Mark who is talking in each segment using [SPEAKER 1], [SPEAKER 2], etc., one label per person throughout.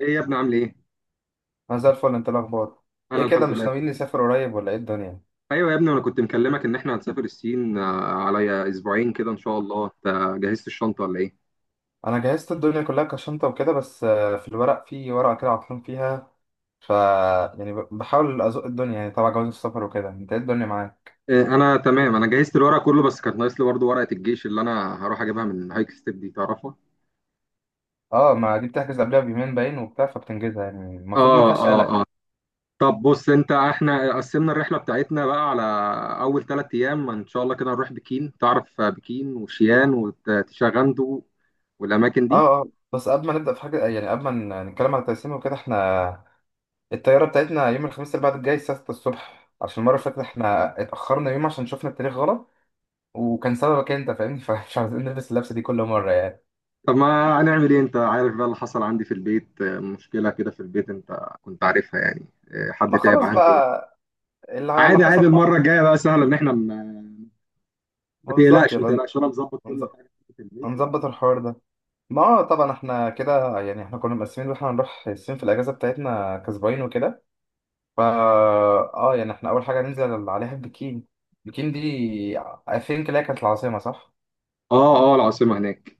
[SPEAKER 1] ايه يا ابني، عامل ايه؟
[SPEAKER 2] انا زي الفل. انت إيه الاخبار؟ ايه
[SPEAKER 1] انا
[SPEAKER 2] كده،
[SPEAKER 1] الحمد
[SPEAKER 2] مش
[SPEAKER 1] لله
[SPEAKER 2] ناويين
[SPEAKER 1] كله.
[SPEAKER 2] نسافر قريب ولا ايه الدنيا؟
[SPEAKER 1] ايوه يا ابني، انا كنت مكلمك ان احنا هنسافر الصين على اسبوعين كده ان شاء الله. انت جهزت الشنطه ولا ايه؟
[SPEAKER 2] انا جهزت الدنيا كلها كشنطه وكده، بس في الورق، في ورقه كده عطلان فيها. ف يعني بحاول ازق الدنيا يعني تبع جواز السفر وكده. انت ايه الدنيا معاك؟
[SPEAKER 1] انا تمام. انا جهزت الورق كله، بس كانت ناقص لي برضه ورقه الجيش اللي انا هروح اجيبها من هايك ستيب دي. تعرفها؟
[SPEAKER 2] اه، ما دي بتحجز قبلها بيومين باين وبتاع، فبتنجزها يعني، المفروض ما
[SPEAKER 1] اه،
[SPEAKER 2] فيهاش قلق.
[SPEAKER 1] اه، اه. طب بص، انت احنا قسمنا الرحله بتاعتنا بقى على اول 3 ايام ان شاء الله. كده نروح بكين، تعرف بكين وشيان وتشاغندو والاماكن دي.
[SPEAKER 2] اه اه، بس قبل ما نبدا في حاجه، يعني قبل ما نتكلم على التقسيم وكده، احنا الطياره بتاعتنا يوم الخميس اللي بعد الجاي الساعه 6 الصبح، عشان المره اللي فاتت احنا اتاخرنا يوم عشان شفنا التاريخ غلط، وكان سببك انت فاهمني فمش عايزين نلبس اللبسه دي كل مره يعني.
[SPEAKER 1] طب ما هنعمل ايه، انت عارف بقى اللي حصل عندي في البيت، مشكلة كده في البيت انت كنت عارفها يعني. حد
[SPEAKER 2] ما
[SPEAKER 1] تعب
[SPEAKER 2] خلاص
[SPEAKER 1] عندي بقى.
[SPEAKER 2] بقى، اللي
[SPEAKER 1] عادي
[SPEAKER 2] حصل
[SPEAKER 1] عادي، المرة
[SPEAKER 2] حصل.
[SPEAKER 1] الجاية بقى سهلة ان احنا ما... ما
[SPEAKER 2] ما بالظبط،
[SPEAKER 1] تقلقش ما
[SPEAKER 2] يبقى
[SPEAKER 1] تقلقش، انا مظبط
[SPEAKER 2] هنز-
[SPEAKER 1] كل حاجة في البيت و...
[SPEAKER 2] هنظبط الحوار ده. ما هو طبعا احنا كده يعني احنا كنا مقسمين ان احنا هنروح الصين في الاجازه بتاعتنا كسباين وكده. فا اه يعني احنا اول حاجه ننزل عليها البكين. البكين دي I think اللي هي كانت العاصمه، صح؟
[SPEAKER 1] اه، اه، العاصمة هناك.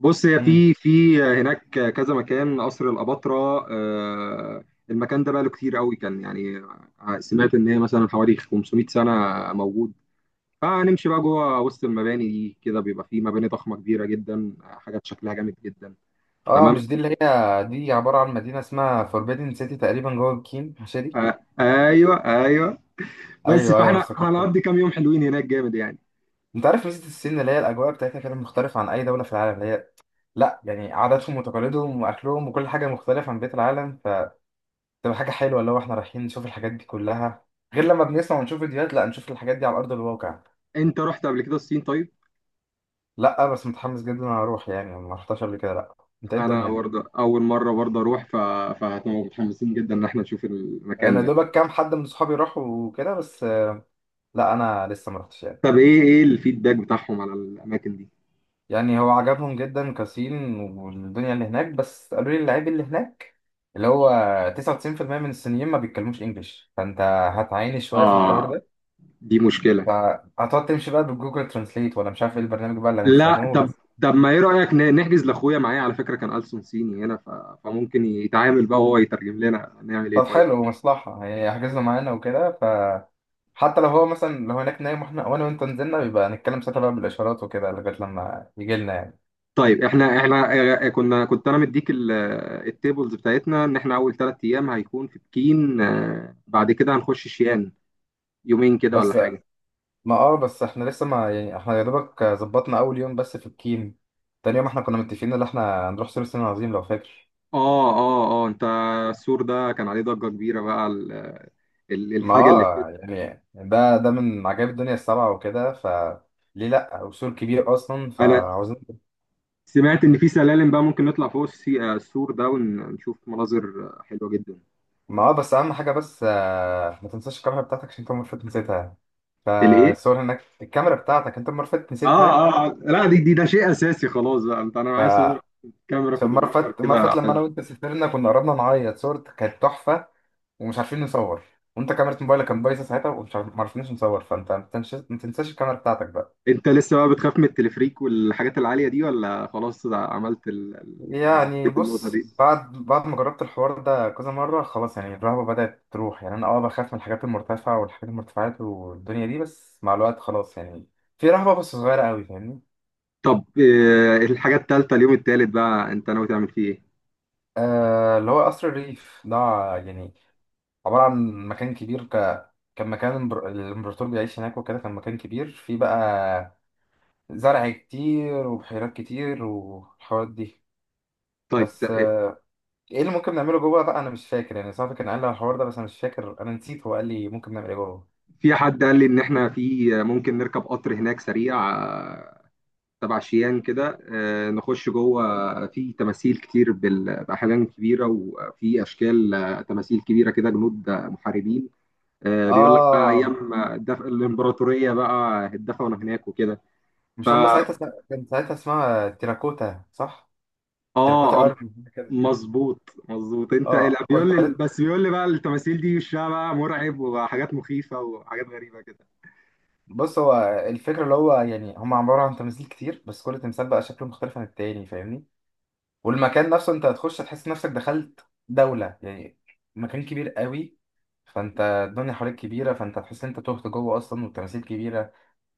[SPEAKER 1] بص، هي
[SPEAKER 2] امم
[SPEAKER 1] في هناك كذا مكان، قصر الأباطرة. المكان ده بقى له كتير قوي كان يعني. سمعت ان هي مثلا حوالي 500 سنة موجود. فهنمشي بقى جوه وسط المباني دي، كده بيبقى في مباني ضخمة كبيرة جدا، حاجات شكلها جامد جدا.
[SPEAKER 2] اه،
[SPEAKER 1] تمام.
[SPEAKER 2] مش دي اللي هي دي عباره عن مدينه اسمها فوربيدن سيتي تقريبا جوه بكين، مش دي؟
[SPEAKER 1] ايوه، ايوه. بس
[SPEAKER 2] ايوه ايوه، انا
[SPEAKER 1] فاحنا
[SPEAKER 2] افتكرتها.
[SPEAKER 1] هنقضي كام يوم حلوين هناك جامد يعني.
[SPEAKER 2] انت عارف ميزه الصين اللي هي الاجواء بتاعتها كده مختلفه عن اي دوله في العالم. اللي هي، لا يعني، عاداتهم وتقاليدهم واكلهم وكل حاجه مختلفه عن بقيه العالم، فتبقى حاجه حلوه اللي هو احنا رايحين نشوف الحاجات دي كلها، غير لما بنسمع ونشوف فيديوهات، لا نشوف الحاجات دي على ارض الواقع.
[SPEAKER 1] انت رحت قبل كده الصين طيب؟
[SPEAKER 2] لا بس متحمس جدا انا اروح يعني، ما رحتش قبل كده، لا. انت ايه
[SPEAKER 1] انا
[SPEAKER 2] الدنيا؟
[SPEAKER 1] برضه اول مره برضه اروح. فهتبقى متحمسين جدا ان احنا نشوف المكان
[SPEAKER 2] انا
[SPEAKER 1] ده.
[SPEAKER 2] دوبك كام حد من صحابي راحوا وكده بس. لا انا لسه ما رحتش.
[SPEAKER 1] طب، ايه الفيدباك بتاعهم على الاماكن دي؟
[SPEAKER 2] يعني هو عجبهم جدا كاسين والدنيا اللي هناك، بس قالوا لي اللعيب اللي هناك اللي هو 99% من الصينيين ما بيتكلموش انجلش، فانت هتعاني شويه في الحوار
[SPEAKER 1] اه،
[SPEAKER 2] ده.
[SPEAKER 1] دي مشكله.
[SPEAKER 2] فهتقعد تمشي بقى بالجوجل ترانسليت، ولا مش عارف ايه البرنامج بقى اللي
[SPEAKER 1] لا،
[SPEAKER 2] هنستخدمه،
[SPEAKER 1] طب.
[SPEAKER 2] بس
[SPEAKER 1] ما ايه رايك، نحجز لاخويا معايا؟ على فكره كان ألسن صيني هنا. فممكن يتعامل بقى وهو يترجم لنا. نعمل ايه
[SPEAKER 2] طب
[SPEAKER 1] طيب؟
[SPEAKER 2] حلو مصلحه يعني حجزنا معانا وكده. فحتى لو هو مثلا لو هناك نايم واحنا، وانا وانت نزلنا، بيبقى نتكلم ساعتها بقى بالاشارات وكده لغايه لما يجي لنا يعني.
[SPEAKER 1] طيب، احنا كنت انا مديك التيبلز بتاعتنا، ان احنا اول 3 ايام هيكون في بكين. بعد كده هنخش شيان يومين كده ولا
[SPEAKER 2] بس
[SPEAKER 1] حاجه.
[SPEAKER 2] ما اه، بس احنا لسه ما يعني، احنا يا دوبك ظبطنا اول يوم بس في الكيم. تاني يوم احنا كنا متفقين ان احنا هنروح سور الصين العظيم لو فاكر.
[SPEAKER 1] اه، اه، اه، انت... السور ده كان عليه ضجه كبيره بقى.
[SPEAKER 2] ما
[SPEAKER 1] الحاجه اللي فيه.
[SPEAKER 2] اه يعني ده ده من عجائب الدنيا السبعة وكده، ليه لا، وسور كبير اصلا،
[SPEAKER 1] انا
[SPEAKER 2] فعاوزين.
[SPEAKER 1] سمعت ان في سلالم بقى ممكن نطلع فوق السور ده، ونشوف مناظر حلوه جدا.
[SPEAKER 2] ما اه، بس اهم حاجة، بس ما تنساش الكاميرا بتاعتك، عشان انت المرة اللي فاتت نسيتها،
[SPEAKER 1] الايه؟
[SPEAKER 2] فالصور هناك. الكاميرا بتاعتك انت المرة اللي فاتت
[SPEAKER 1] اه،
[SPEAKER 2] نسيتها.
[SPEAKER 1] اه، آه. لا، دي دي ده شيء اساسي خلاص بقى. انت انا معايا صور،
[SPEAKER 2] ف
[SPEAKER 1] كاميرا
[SPEAKER 2] في المرة اللي
[SPEAKER 1] فوتوغرافر
[SPEAKER 2] فاتت، المرة اللي
[SPEAKER 1] كده.
[SPEAKER 2] فاتت لما انا وانت سافرنا، كنا قربنا نعيط. صورتك كانت تحفة ومش عارفين نصور، وانت كاميرا موبايلك كان بايظه ساعتها، ومش عارف، ما عرفناش نصور. فانت ما تنساش، ما تنساش الكاميرا بتاعتك بقى.
[SPEAKER 1] انت لسه بقى بتخاف من التلفريك والحاجات العالية دي، ولا خلاص عملت يعني
[SPEAKER 2] يعني
[SPEAKER 1] عديت النقطة
[SPEAKER 2] بص،
[SPEAKER 1] دي؟
[SPEAKER 2] بعد ما جربت الحوار ده كذا مره خلاص، يعني الرهبه بدات تروح. يعني انا اه بخاف من الحاجات المرتفعه والحاجات المرتفعات والدنيا دي، بس مع الوقت خلاص يعني. في رهبه بس صغيره قوي، فاهمني؟
[SPEAKER 1] طب، الحاجة التالتة، اليوم التالت بقى انت ناوي تعمل فيه ايه؟
[SPEAKER 2] آه، اللي هو قصر الريف ده، يعني عباره عن مكان كبير، كان مكان الامبر-، الامبراطور بيعيش هناك وكده، كان مكان كبير فيه بقى زرع كتير وبحيرات كتير والحوارات دي.
[SPEAKER 1] طيب.
[SPEAKER 2] بس ايه اللي ممكن نعمله جوه بقى؟ انا مش فاكر يعني. صاحبي كان قال لي على الحوار ده بس انا مش فاكر، انا نسيت هو قال لي ممكن نعمل ايه جوه.
[SPEAKER 1] في حد قال لي ان احنا في ممكن نركب قطر هناك سريع، تبع شيان كده، نخش جوه. في تماثيل كتير بأحجام كبيرة، وفي أشكال، تماثيل كبيرة كده، جنود، محاربين. بيقول لك بقى
[SPEAKER 2] اه،
[SPEAKER 1] أيام الإمبراطورية بقى اتدفنوا هناك وكده. ف
[SPEAKER 2] مش هم ساعتها كان ساعتها اسمها تيراكوتا، صح؟
[SPEAKER 1] اه،
[SPEAKER 2] تيراكوتا ارمي كده.
[SPEAKER 1] مظبوط مظبوط، انت.
[SPEAKER 2] اه
[SPEAKER 1] لا، بيقول
[SPEAKER 2] كنت
[SPEAKER 1] لي،
[SPEAKER 2] قريت.
[SPEAKER 1] بس بيقول لي بقى التماثيل دي وشها بقى مرعب، وحاجات مخيفة وحاجات غريبة كده.
[SPEAKER 2] بص هو الفكره اللي هو يعني هم عباره عن تماثيل كتير، بس كل تمثال بقى شكله مختلف عن التاني فاهمني. والمكان نفسه انت هتخش هتحس نفسك دخلت دوله يعني، مكان كبير قوي. فانت الدنيا حواليك كبيره، فانت هتحس ان انت تهت جوه اصلا، والتماثيل كبيره،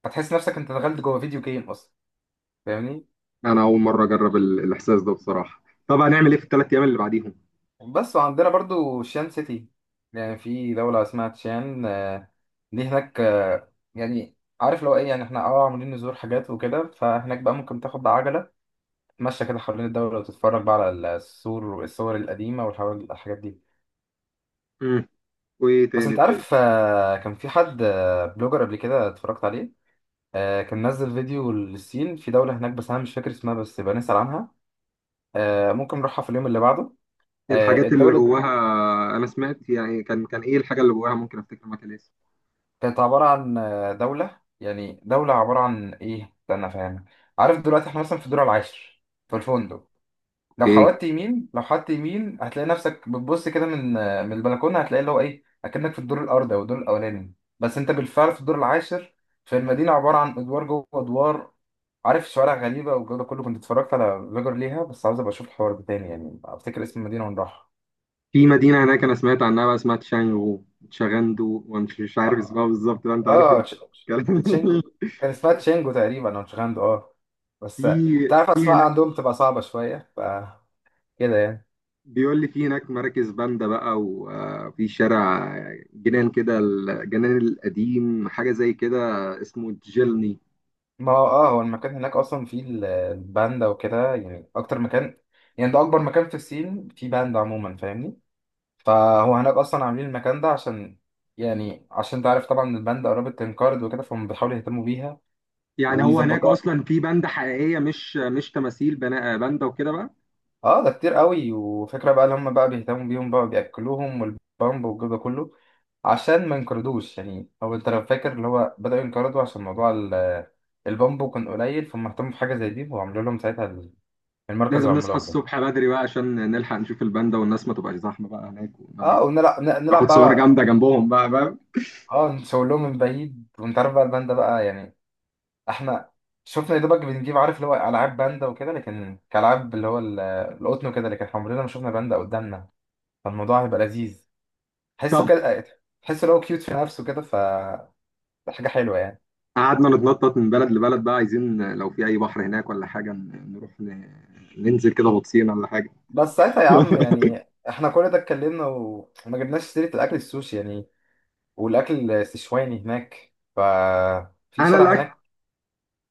[SPEAKER 2] هتحس نفسك انت دخلت جوه فيديو جيم اصلا فاهمني.
[SPEAKER 1] انا اول مره اجرب الاحساس ده بصراحه. طب، هنعمل ايه في الثلاث ايام اللي بعديهم؟
[SPEAKER 2] بس وعندنا برضو شان سيتي. يعني في دولة اسمها تشان، دي هناك، يعني عارف لو ايه، يعني احنا اه عاملين نزور حاجات وكده، فهناك بقى ممكن تاخد عجلة تتمشى كده حوالين الدولة وتتفرج بقى على السور والصور القديمة والحاجات دي.
[SPEAKER 1] مم. وايه
[SPEAKER 2] بس
[SPEAKER 1] تاني
[SPEAKER 2] انت
[SPEAKER 1] طيب؟
[SPEAKER 2] عارف، كان في حد، بلوجر قبل كده اتفرجت عليه، كان نزل فيديو للصين، في دولة هناك بس انا مش فاكر اسمها، بس يبقى نسأل عنها. ممكن نروحها في اليوم اللي بعده.
[SPEAKER 1] الحاجات اللي
[SPEAKER 2] الدولة
[SPEAKER 1] جواها؟ انا سمعت يعني، كان ايه الحاجه اللي جواها؟ ممكن افتكر مكان اسمه...
[SPEAKER 2] كانت عبارة عن، دولة يعني، دولة عبارة عن إيه؟ استنى أفهمك. عارف دلوقتي إحنا مثلا في الدور العاشر في الفندق. لو
[SPEAKER 1] اوكي.
[SPEAKER 2] حودت يمين، لو حودت يمين هتلاقي نفسك بتبص كده من، من البلكونة هتلاقي اللي هو إيه، أكنك في الدور الأرضي أو الدور الأولاني، بس أنت بالفعل في الدور العاشر. في المدينة عبارة عن أدوار جوه أدوار، عارف، شوارع غريبة والجو ده كله. كنت اتفرجت على فيجر ليها، بس عاوز أبقى أشوف الحوار ده تاني يعني، أفتكر اسم المدينة
[SPEAKER 1] في مدينه هناك انا سمعت عنها بقى، اسمها تشانغو، تشاغندو، ومش مش عارف اسمها
[SPEAKER 2] ونروحها.
[SPEAKER 1] بالظبط بقى، انت عارف
[SPEAKER 2] اه
[SPEAKER 1] الكلام.
[SPEAKER 2] تشينجو. كان اسمها تشينجو تقريبا او تشيغاندو، اه. بس انت
[SPEAKER 1] في
[SPEAKER 2] عارف
[SPEAKER 1] في
[SPEAKER 2] اسماء
[SPEAKER 1] هناك...
[SPEAKER 2] عندهم تبقى صعبة شوية، ف كده يعني.
[SPEAKER 1] بيقول لي في هناك مراكز باندا بقى، وفي شارع جنان كده، الجنان القديم، حاجة زي كده اسمه جيلني.
[SPEAKER 2] ما هو اه، هو المكان هناك اصلا فيه الباندا وكده، يعني اكتر مكان، يعني ده اكبر مكان في الصين فيه باندا عموما فاهمني. فهو هناك اصلا عاملين المكان ده عشان، يعني عشان تعرف، طبعا الباندا قربت تنقرض وكده، فهم بيحاولوا يهتموا بيها
[SPEAKER 1] يعني هو هناك
[SPEAKER 2] ويظبطوها.
[SPEAKER 1] أصلا في باندا حقيقية، مش تماثيل باندا وكده بقى؟
[SPEAKER 2] اه، ده كتير قوي، وفكرة بقى اللي هم بقى بيهتموا بيهم بقى، بياكلوهم والبامب والجو ده كله، عشان ما ينقرضوش. يعني هو انت لو فاكر اللي هو بدأوا ينقرضوا عشان موضوع البامبو كان قليل، فهم اهتموا بحاجة زي دي، وعملوا لهم ساعتها المركز
[SPEAKER 1] لازم نصحى
[SPEAKER 2] العملاق ده.
[SPEAKER 1] الصبح بدري بقى عشان نلحق نشوف الباندا والناس ما تبقاش زحمة بقى هناك، ونعرف
[SPEAKER 2] اه ونلعب، نلعب
[SPEAKER 1] ناخد صور جامدة
[SPEAKER 2] بقى.
[SPEAKER 1] جنبهم بقى، فاهم؟
[SPEAKER 2] اه نشاور لهم من بعيد، وانت عارف بقى الباندا بقى يعني. احنا شفنا يا دوبك بنجيب، عارف اللي هو العاب باندا وكده، لكن كالعاب اللي هو القطن وكده، لكن احنا عمرنا ما شفنا باندا قدامنا، فالموضوع هيبقى لذيذ. تحسه
[SPEAKER 1] طب.
[SPEAKER 2] كده، تحسه لو كيوت في نفسه كده، حاجة حلوة يعني.
[SPEAKER 1] قعدنا نتنطط من بلد لبلد بقى. عايزين، لو في أي بحر هناك ولا حاجة، نروح ننزل كده غطسين ولا حاجة.
[SPEAKER 2] بس ساعتها يا عم، يعني احنا كل ده اتكلمنا وما جبناش سيرة الأكل السوشي يعني، والأكل السشواني هناك. في
[SPEAKER 1] انا
[SPEAKER 2] شارع هناك،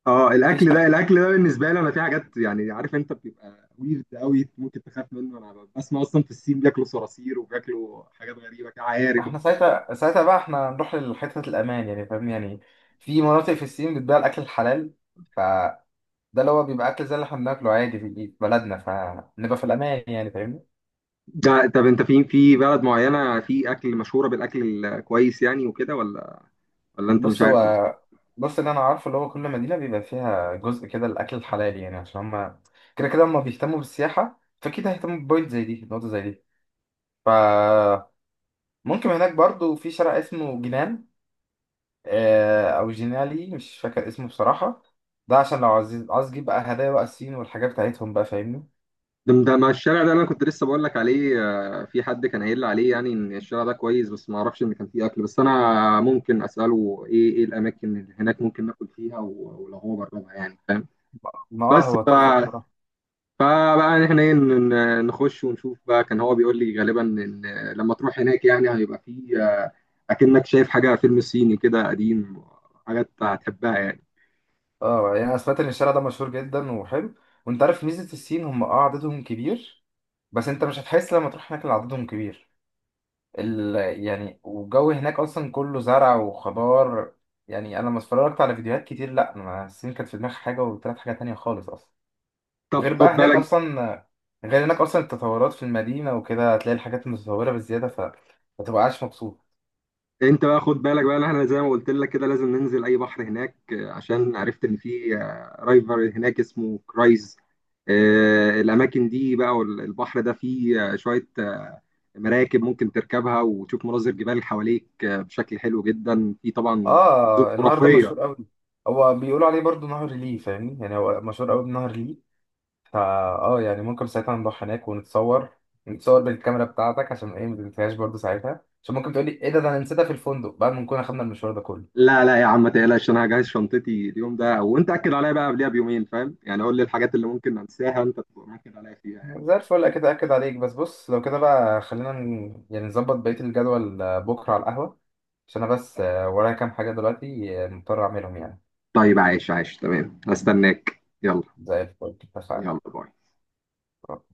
[SPEAKER 1] اه
[SPEAKER 2] في
[SPEAKER 1] الاكل ده
[SPEAKER 2] شارع
[SPEAKER 1] الاكل ده بالنسبه لي، انا في حاجات يعني، عارف انت بتبقى ويرد قوي ممكن تخاف منه. انا بسمع اصلا في الصين بياكلوا صراصير وبياكلوا حاجات غريبه كده، عقارب.
[SPEAKER 2] احنا ساعتها، ساعتها بقى احنا نروح لحتة الأمان يعني فاهم يعني. في مناطق في الصين بتبيع الأكل الحلال، فده اللي هو بيبقى أكل زي اللي احنا بناكله عادي في بلدنا، فنبقى في الأمان يعني فاهمني.
[SPEAKER 1] ده طب، انت في بلد معينه في اكل مشهوره بالاكل الكويس يعني وكده، ولا انت مش
[SPEAKER 2] بص هو،
[SPEAKER 1] عارف اصلا؟
[SPEAKER 2] بص اللي انا عارفه اللي هو كل مدينه بيبقى فيها جزء كده الاكل الحلال، يعني عشان هما كده كده هما بيهتموا بالسياحه، فاكيد هيهتموا ببوينت زي دي، نقطه زي دي. فممكن هناك برضو في شارع اسمه جنان، او جنالي، مش فاكر اسمه بصراحه. ده عشان لو عايز، عايز تجيب بقى هدايا بقى الصين والحاجات بتاعتهم بقى فاهمني.
[SPEAKER 1] ده مع الشارع ده اللي انا كنت لسه بقول لك عليه، في حد كان قايل لي عليه، يعني ان الشارع ده كويس، بس ما اعرفش ان كان فيه اكل. بس انا ممكن اساله ايه الاماكن اللي هناك ممكن ناكل فيها، ولو هو جربها يعني فاهم؟
[SPEAKER 2] ما اه،
[SPEAKER 1] بس
[SPEAKER 2] هو تحفه بصراحه.
[SPEAKER 1] فبقى احنا ايه، نخش ونشوف بقى. كان هو بيقول لي غالبا ان لما تروح هناك يعني هيبقى فيه، اكنك شايف حاجه فيلم صيني كده قديم، حاجات هتحبها يعني.
[SPEAKER 2] اه يعني انا سمعت ان الشارع ده مشهور جدا وحلو. وانت عارف ميزه الصين، هم اه عددهم كبير، بس انت مش هتحس لما تروح هناك ان عددهم كبير. ال... يعني والجو هناك اصلا كله زرع وخضار. يعني انا لما اتفرجت على فيديوهات كتير، لا انا الصين كانت في دماغي حاجه، وطلعت حاجه تانية خالص اصلا.
[SPEAKER 1] طب
[SPEAKER 2] وغير
[SPEAKER 1] خد
[SPEAKER 2] بقى هناك
[SPEAKER 1] بالك،
[SPEAKER 2] اصلا، غير هناك اصلا التطورات في المدينه وكده، هتلاقي الحاجات متطوره بزياده، ما تبقاش مبسوط.
[SPEAKER 1] انت بقى خد بالك بقى، إن احنا زي ما قلت لك كده لازم ننزل اي بحر هناك، عشان عرفت ان في رايفر هناك اسمه كرايز. الاماكن دي بقى، والبحر ده فيه شويه مراكب ممكن تركبها، وتشوف مناظر جبال حواليك بشكل حلو جدا، في طبعا مناظر
[SPEAKER 2] اه النهر ده
[SPEAKER 1] خرافيه.
[SPEAKER 2] مشهور قوي، هو بيقولوا عليه برضو نهر ليه فاهمني. يعني هو مشهور قوي بنهر ليه. فا اه يعني ممكن ساعتها نروح هناك ونتصور، نتصور بالكاميرا بتاعتك. عشان ايه، ما تنساهاش برضه ساعتها، عشان ممكن تقولي ايه ده ده، انا نسيتها في الفندق بعد ما نكون اخدنا المشوار ده كله.
[SPEAKER 1] لا لا يا عم، ما تقلقش، انا هجهز شنطتي اليوم ده، وانت اكد عليا بقى قبلها بيومين، فاهم يعني؟ قول لي الحاجات اللي ممكن انساها، انت تبقى مأكد عليا فيها يعني.
[SPEAKER 2] زي الفل، اكيد اكد عليك. بس بص لو كده بقى، خلينا يعني نظبط بقية الجدول، بكرة على القهوة، عشان انا بس ورايا كام حاجة دلوقتي، مضطر اعملهم يعني.
[SPEAKER 1] طيب، عايش عايش تمام، هستناك. يلا.
[SPEAKER 2] زي الفل، اتفقنا.
[SPEAKER 1] يلا، باي.